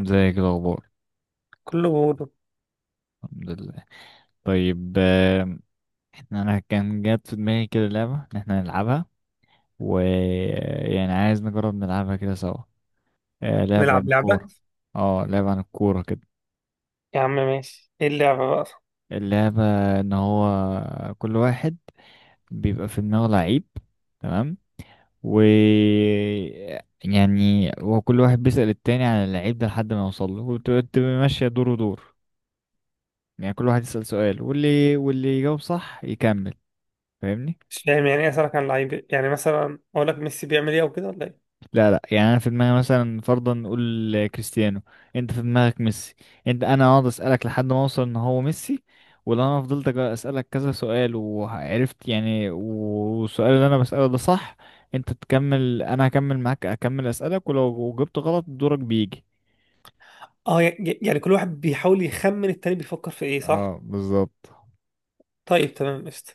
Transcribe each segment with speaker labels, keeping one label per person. Speaker 1: ازيك، إيه الاخبار؟
Speaker 2: كله بوضع.
Speaker 1: الحمد لله. طيب. انا كان جات في دماغي كده لعبه ان احنا نلعبها، ويعني عايز نجرب نلعبها كده سوا. لعبه عن
Speaker 2: نلعب لعبة.
Speaker 1: الكوره. اه لعبه عن الكوره كده.
Speaker 2: يا عم ماشي، ايه اللعبة بقى؟
Speaker 1: اللعبه ان هو كل واحد بيبقى في دماغه لعيب. تمام. و يعني هو كل واحد بيسأل التاني عن اللعيب ده لحد ما يوصل له، وتبقى تبقى ماشيه دور ودور. يعني كل واحد يسأل سؤال، واللي يجاوب صح يكمل. فاهمني؟
Speaker 2: مش فاهم يعني ايه اسألك عن لعيب؟ يعني مثلا اقول لك ميسي بيعمل ايه او كده ولا ايه؟
Speaker 1: لا لا، يعني انا في دماغي مثلا فرضا نقول كريستيانو، انت في دماغك ميسي. انا اقعد اسالك لحد ما اوصل ان هو ميسي. ولو انا فضلت اسالك كذا سؤال وعرفت يعني، والسؤال اللي انا بساله ده صح، انت تكمل. انا هكمل معاك، اكمل اسالك. ولو جبت غلط دورك بيجي.
Speaker 2: اه يعني كل واحد بيحاول يخمن التاني بيفكر في ايه،
Speaker 1: اه
Speaker 2: صح؟
Speaker 1: بالظبط.
Speaker 2: طيب تمام قشطة.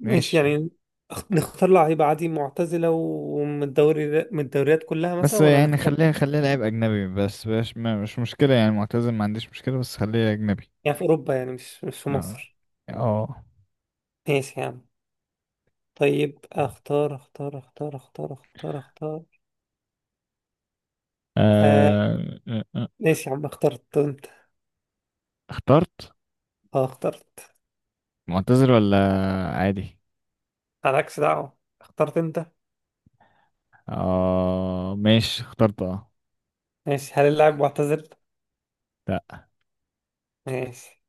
Speaker 2: ماشي
Speaker 1: ماشي.
Speaker 2: يعني. نختار لعيبة عادي معتزلة ومن الدوري، من الدوريات كلها
Speaker 1: بس
Speaker 2: مثلا، ولا
Speaker 1: يعني
Speaker 2: نختار
Speaker 1: خليها لعيب اجنبي، بس مش مشكله يعني، معتزل ما عنديش مشكله، بس خليها اجنبي.
Speaker 2: يعني في اوروبا يعني مش في
Speaker 1: اه.
Speaker 2: مصر؟
Speaker 1: اه.
Speaker 2: ماشي يا عم. طيب، اختار اختار اختار اختار اختار اختار. آه.
Speaker 1: آه،
Speaker 2: ماشي يا عم، اخترت انت؟
Speaker 1: اخترت.
Speaker 2: اه اخترت.
Speaker 1: معتذر ولا عادي؟
Speaker 2: مالكش دعوة، اخترت انت.
Speaker 1: اه ماشي اخترت اه.
Speaker 2: ماشي، هل اللاعب معتزل؟
Speaker 1: لا.
Speaker 2: ماشي.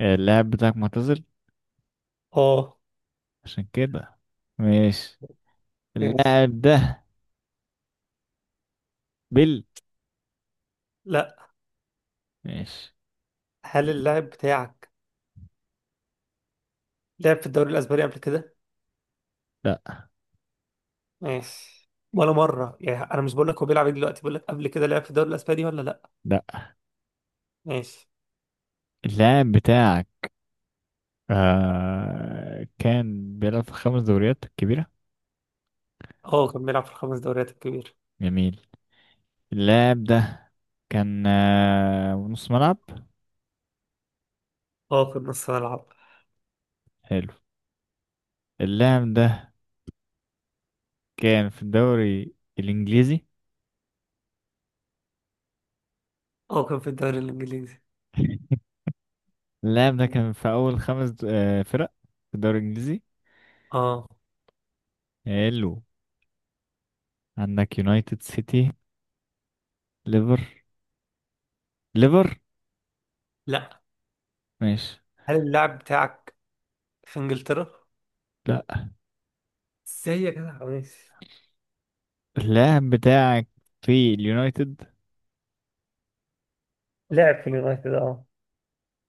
Speaker 1: اللاعب بتاعك معتزل،
Speaker 2: اه.
Speaker 1: عشان كده ماشي.
Speaker 2: ماشي.
Speaker 1: اللاعب ده بيل.
Speaker 2: لا.
Speaker 1: ماشي.
Speaker 2: هل اللاعب بتاعك لعب في الدوري الأسباني قبل كده؟
Speaker 1: لا.
Speaker 2: ماشي، ولا مرة يعني، انا مش بقول لك هو بيلعب إيه دلوقتي، بقول لك قبل كده لعب في الدوري الاسباني ولا لا؟
Speaker 1: لا.
Speaker 2: ماشي.
Speaker 1: اللاعب بتاعك كان بيلعب في خمس دوريات كبيرة.
Speaker 2: اه كان بيلعب في الخمس دوريات الكبيرة.
Speaker 1: جميل. اللاعب ده كان نص ملعب.
Speaker 2: اه كان نص ملعب.
Speaker 1: حلو. اللاعب ده كان في الدوري الإنجليزي.
Speaker 2: اه كان في الدوري الإنجليزي.
Speaker 1: اللاعب ده كان في أول خمس د- آه فرق في الدوري الإنجليزي.
Speaker 2: اه.
Speaker 1: حلو. عندك يونايتد، سيتي، ليفر ليفر.
Speaker 2: لا.
Speaker 1: ماشي.
Speaker 2: هل اللاعب بتاعك في إنجلترا؟
Speaker 1: لا.
Speaker 2: ازاي يا جدع، ماشي.
Speaker 1: اللاعب بتاعك في اليونايتد؟
Speaker 2: لعب في اليونايتد اه.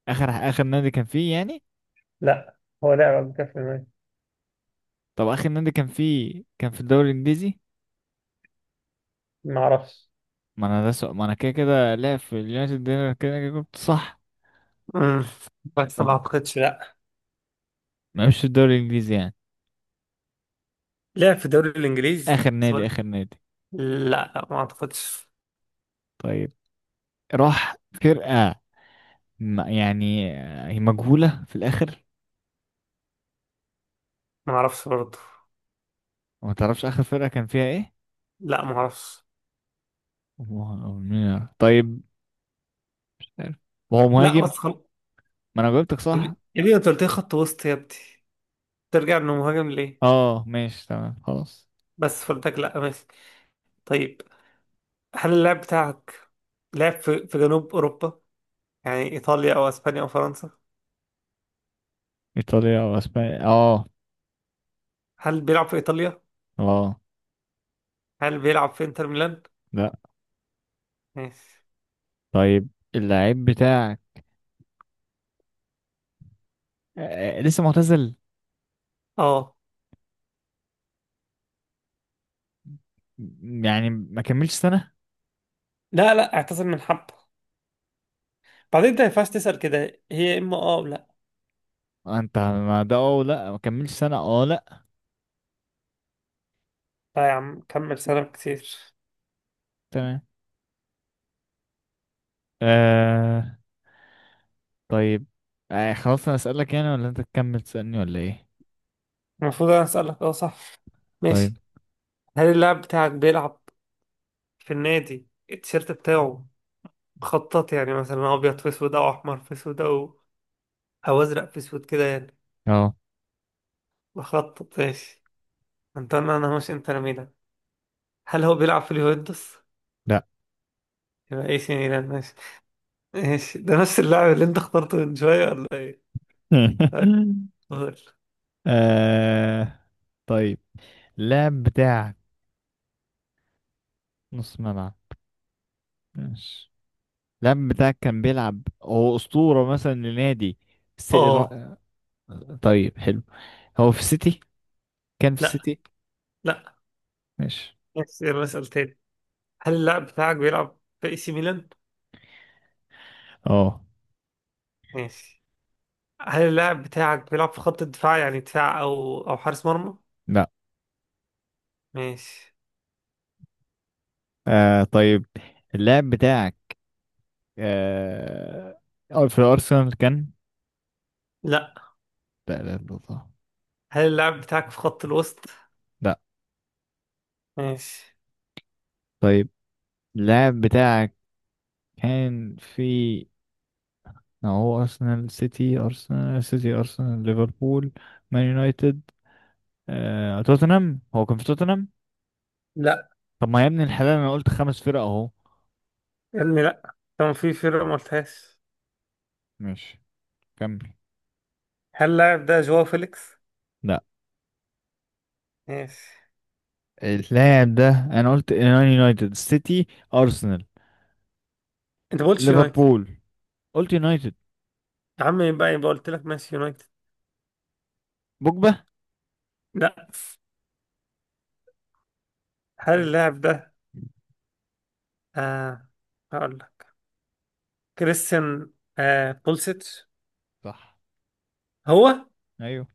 Speaker 1: اخر نادي كان فيه يعني.
Speaker 2: لا، هو لعب قبل كده في اليونايتد.
Speaker 1: طب اخر نادي كان فيه كان في الدوري الانجليزي؟
Speaker 2: ما اعرفش.
Speaker 1: ما انا ده سؤال. ما انا كده كده لاعب في اليونايتد، ده أنا كده كده جبت صح.
Speaker 2: امم، بس ما
Speaker 1: فن-
Speaker 2: اعتقدش، لا.
Speaker 1: ما مش في الدوري الانجليزي يعني.
Speaker 2: لعب في الدوري الانجليزي سؤال.
Speaker 1: اخر نادي.
Speaker 2: لا لا، ما اعتقدش.
Speaker 1: طيب. راح فرقة يعني هي مجهولة في الاخر.
Speaker 2: ما اعرفش برضه.
Speaker 1: وما تعرفش اخر فرقة كان فيها ايه.
Speaker 2: لا، ما اعرفش.
Speaker 1: طيب، مش عارف. وهو
Speaker 2: لا بس
Speaker 1: مهاجم.
Speaker 2: خلاص.
Speaker 1: ما انا جاوبتك
Speaker 2: يا ابني
Speaker 1: صح.
Speaker 2: يا ابني انت قلت لي خط وسط يا ابني، ترجع انه مهاجم ليه؟
Speaker 1: اه ماشي تمام خلاص.
Speaker 2: بس فردك، لا ماشي. طيب، هل اللاعب بتاعك لعب في في جنوب اوروبا، يعني ايطاليا او اسبانيا او فرنسا؟
Speaker 1: ايطاليا او اسبانيا اه.
Speaker 2: هل بيلعب في ايطاليا؟
Speaker 1: اه.
Speaker 2: هل بيلعب في انتر ميلان؟
Speaker 1: لا.
Speaker 2: ماشي.
Speaker 1: طيب. اللعيب بتاعك لسه معتزل.
Speaker 2: اه.
Speaker 1: يعني ما كملش سنة.
Speaker 2: لا لا، اعتذر من حبه، بعدين انت ما ينفعش تسأل كده، هي اما اه ولا.
Speaker 1: انت ما ده اه لا ما كملش سنة اه لا.
Speaker 2: لا يا عم، كمل سنة كتير.
Speaker 1: تمام. آه. طيب. خلاص انا اسألك يعني ولا انت تكمل تسألني ولا ايه؟
Speaker 2: المفروض انا اسالك، اه صح. ماشي.
Speaker 1: طيب.
Speaker 2: هل اللاعب بتاعك بيلعب في النادي التيشيرت بتاعه مخطط، يعني مثلا ابيض في اسود او احمر في اسود او او ازرق في اسود كده يعني؟
Speaker 1: اه.
Speaker 2: مخطط، ماشي. انت انا، انا مش انت ميلان. هل هو بيلعب في اليوفنتوس؟
Speaker 1: لا.
Speaker 2: يبقى ايه سي ميلان، ماشي. ماشي، ده نفس اللاعب اللي انت اخترته من شويه ولا ايه؟ طيب، دول.
Speaker 1: آه طيب اللاعب بتاعك نص ملعب ماشي. لم بتاعك كان بيلعب، هو أسطورة مثلا لنادي س...
Speaker 2: اه.
Speaker 1: را- طيب حلو. هو في السيتي، كان في
Speaker 2: لا.
Speaker 1: السيتي؟
Speaker 2: لا.
Speaker 1: ماشي.
Speaker 2: ماشي، يلا اسال تاني. هل اللاعب بتاعك بيلعب في اي سي ميلان؟
Speaker 1: اه.
Speaker 2: ماشي. هل اللاعب بتاعك بيلعب في خط الدفاع، يعني دفاع او او حارس مرمى؟
Speaker 1: لا.
Speaker 2: ماشي.
Speaker 1: طيب اللاعب بتاعك آه أو في الأرسنال كان؟
Speaker 2: لا.
Speaker 1: لا لا لا لا.
Speaker 2: هل اللاعب بتاعك في خط الوسط؟
Speaker 1: لا.
Speaker 2: ماشي.
Speaker 1: طيب اللاعب بتاعك كان في، ما هو أرسنال سيتي أرسنال ليفربول مان يونايتد توتنهام، هو كان في توتنهام.
Speaker 2: لا
Speaker 1: طب ما يا ابن الحلال أنا قلت خمس فرق أهو.
Speaker 2: يا علمي، لا، كان في فرقة ما قلتهاش.
Speaker 1: ماشي. كمل.
Speaker 2: هل اللاعب ده جواو فيليكس؟
Speaker 1: لا.
Speaker 2: ماشي.
Speaker 1: اللاعب ده انا قلت إيران يونايتد سيتي ارسنال
Speaker 2: انت ما قلتش يونايتد.
Speaker 1: ليفربول قلت يونايتد
Speaker 2: يا عم، يبقى يبقى قلت لك ماشي يونايتد.
Speaker 1: بوجبا.
Speaker 2: لا. هل اللاعب ده آه، هقول لك، كريستيان آه بولسيتش؟
Speaker 1: صح.
Speaker 2: هو.
Speaker 1: ايوه.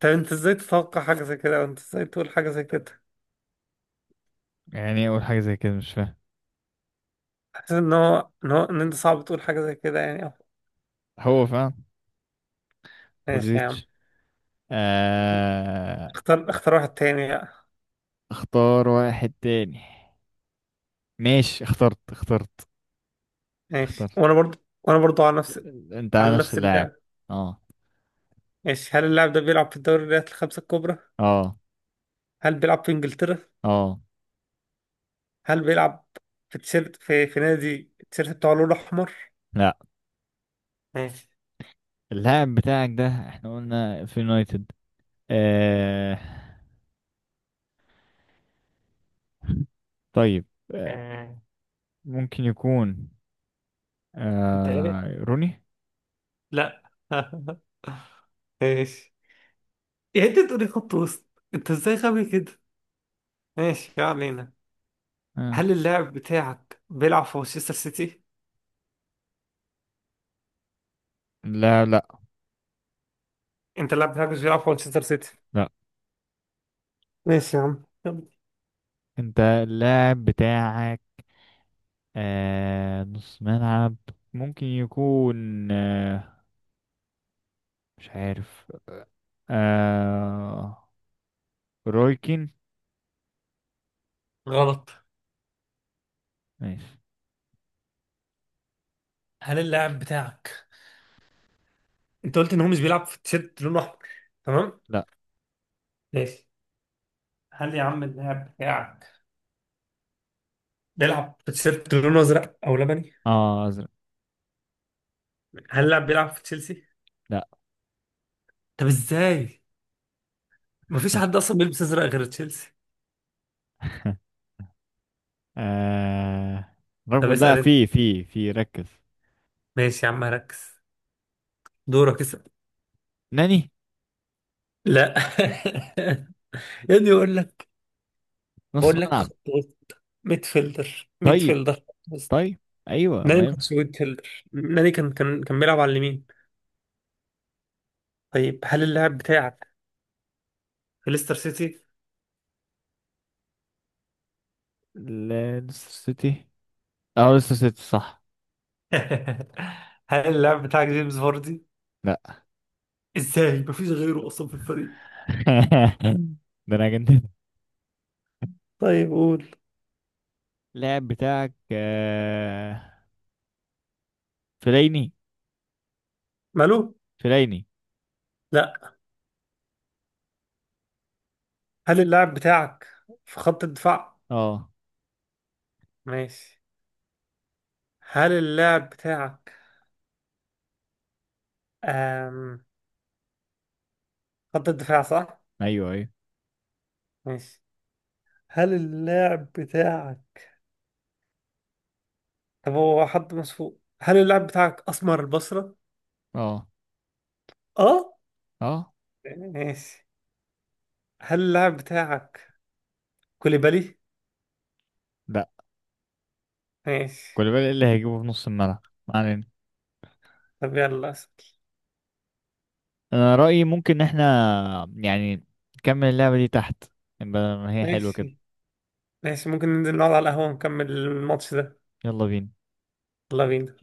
Speaker 2: طب انت ازاي تتوقع حاجة زي كده، وانت ازاي تقول حاجة زي كده؟
Speaker 1: يعني ايه اقول حاجه زي كده؟ مش فاهم.
Speaker 2: حاسس ان هو ان هو ان انت صعب تقول حاجة زي كده يعني.
Speaker 1: هو فاهم.
Speaker 2: ماشي يا عم.
Speaker 1: بوليزيتش. آه...
Speaker 2: اختار اختار واحد تاني بقى.
Speaker 1: اختار واحد تاني. ماشي اخترت اخترت
Speaker 2: ماشي،
Speaker 1: اخترت
Speaker 2: وانا برضو. وانا برضو على نفس.
Speaker 1: انت على
Speaker 2: على
Speaker 1: نفس
Speaker 2: نفس
Speaker 1: اللاعب.
Speaker 2: اللعب.
Speaker 1: اه.
Speaker 2: ماشي. هل اللاعب ده بيلعب في الدوريات الخمسة الكبرى؟
Speaker 1: اه.
Speaker 2: هل بيلعب في انجلترا؟
Speaker 1: اه.
Speaker 2: هل بيلعب في تيشيرت، في في نادي التيشيرت بتاعه لونه احمر؟
Speaker 1: لا.
Speaker 2: ماشي.
Speaker 1: اللاعب بتاعك ده احنا قلنا في يونايتد. آه... طيب. آه...
Speaker 2: آه.
Speaker 1: ممكن يكون
Speaker 2: انت غبي،
Speaker 1: روني.
Speaker 2: لا. ماشي. يعني انت تقولي خط وسط، انت ازاي غبي كده؟ ماشي ما علينا.
Speaker 1: آه.
Speaker 2: هل اللاعب بتاعك بيلعب في مانشستر سيتي؟
Speaker 1: لا لا
Speaker 2: انت اللاعب بتاعك مش بيلعب في مانشستر سيتي؟
Speaker 1: لا.
Speaker 2: ماشي يا عم يلا.
Speaker 1: انت اللاعب بتاعك نص ملعب ممكن يكون مش عارف آه رويكين.
Speaker 2: غلط.
Speaker 1: ماشي.
Speaker 2: هل اللاعب بتاعك، انت قلت ان هو مش بيلعب في تيشيرت لونه احمر، تمام؟
Speaker 1: لا.
Speaker 2: ماشي. هل يا عم اللاعب بتاعك بيلعب في تيشيرت لونه ازرق او لبني؟
Speaker 1: اه ازرق.
Speaker 2: هل اللاعب بيلعب في تشيلسي؟
Speaker 1: لا.
Speaker 2: طب ازاي، مفيش حد اصلا بيلبس ازرق غير تشيلسي.
Speaker 1: آه
Speaker 2: طب
Speaker 1: لا،
Speaker 2: اسال انت.
Speaker 1: في ركز.
Speaker 2: ماشي يا عم، ركز، دورك اسال.
Speaker 1: ناني.
Speaker 2: لا. يا ابني بقول لك،
Speaker 1: نص
Speaker 2: بقول لك
Speaker 1: ملعب.
Speaker 2: خط وسط، ميد فيلدر، ميد
Speaker 1: طيب.
Speaker 2: فيلدر، خط وسط.
Speaker 1: طيب. ايوه
Speaker 2: ناني
Speaker 1: ما
Speaker 2: ما كانش
Speaker 1: ينفع.
Speaker 2: ميد فيلدر، ناني كان كان بيلعب على اليمين. طيب، هل اللاعب بتاعك في ليستر سيتي؟
Speaker 1: لا، ليستر سيتي. اه ليستر سيتي صح.
Speaker 2: هل اللاعب بتاعك جيمس فاردي؟
Speaker 1: لا
Speaker 2: ازاي؟ مفيش غيره اصلا في الفريق.
Speaker 1: ده انا كنت.
Speaker 2: طيب قول.
Speaker 1: اللاعب بتاعك فليني.
Speaker 2: ماله؟
Speaker 1: فليني.
Speaker 2: لا. هل اللاعب بتاعك في خط الدفاع؟
Speaker 1: اه.
Speaker 2: ماشي. هل اللاعب بتاعك أم... خط الدفاع صح؟
Speaker 1: ايوه ايوه.
Speaker 2: ماشي. هل اللاعب بتاعك، طب هو حد مسفوق، هل اللاعب بتاعك أسمر البصرة؟
Speaker 1: اه
Speaker 2: اه.
Speaker 1: اه.
Speaker 2: ماشي. هل اللاعب بتاعك كوليبالي؟
Speaker 1: لا.
Speaker 2: ماشي.
Speaker 1: كولوبالي اللي هيجيبه في نص الملعب ما علينا.
Speaker 2: طب يلا اسأل.
Speaker 1: انا رأيي ممكن إن احنا يعني نكمل اللعبة دي تحت، بدل ما هي حلوة كده.
Speaker 2: ماشي. ماشي، ممكن ننزل نقعد على القهوة ونكمل الماتش ده؟
Speaker 1: يلا بينا.
Speaker 2: يلا بينا.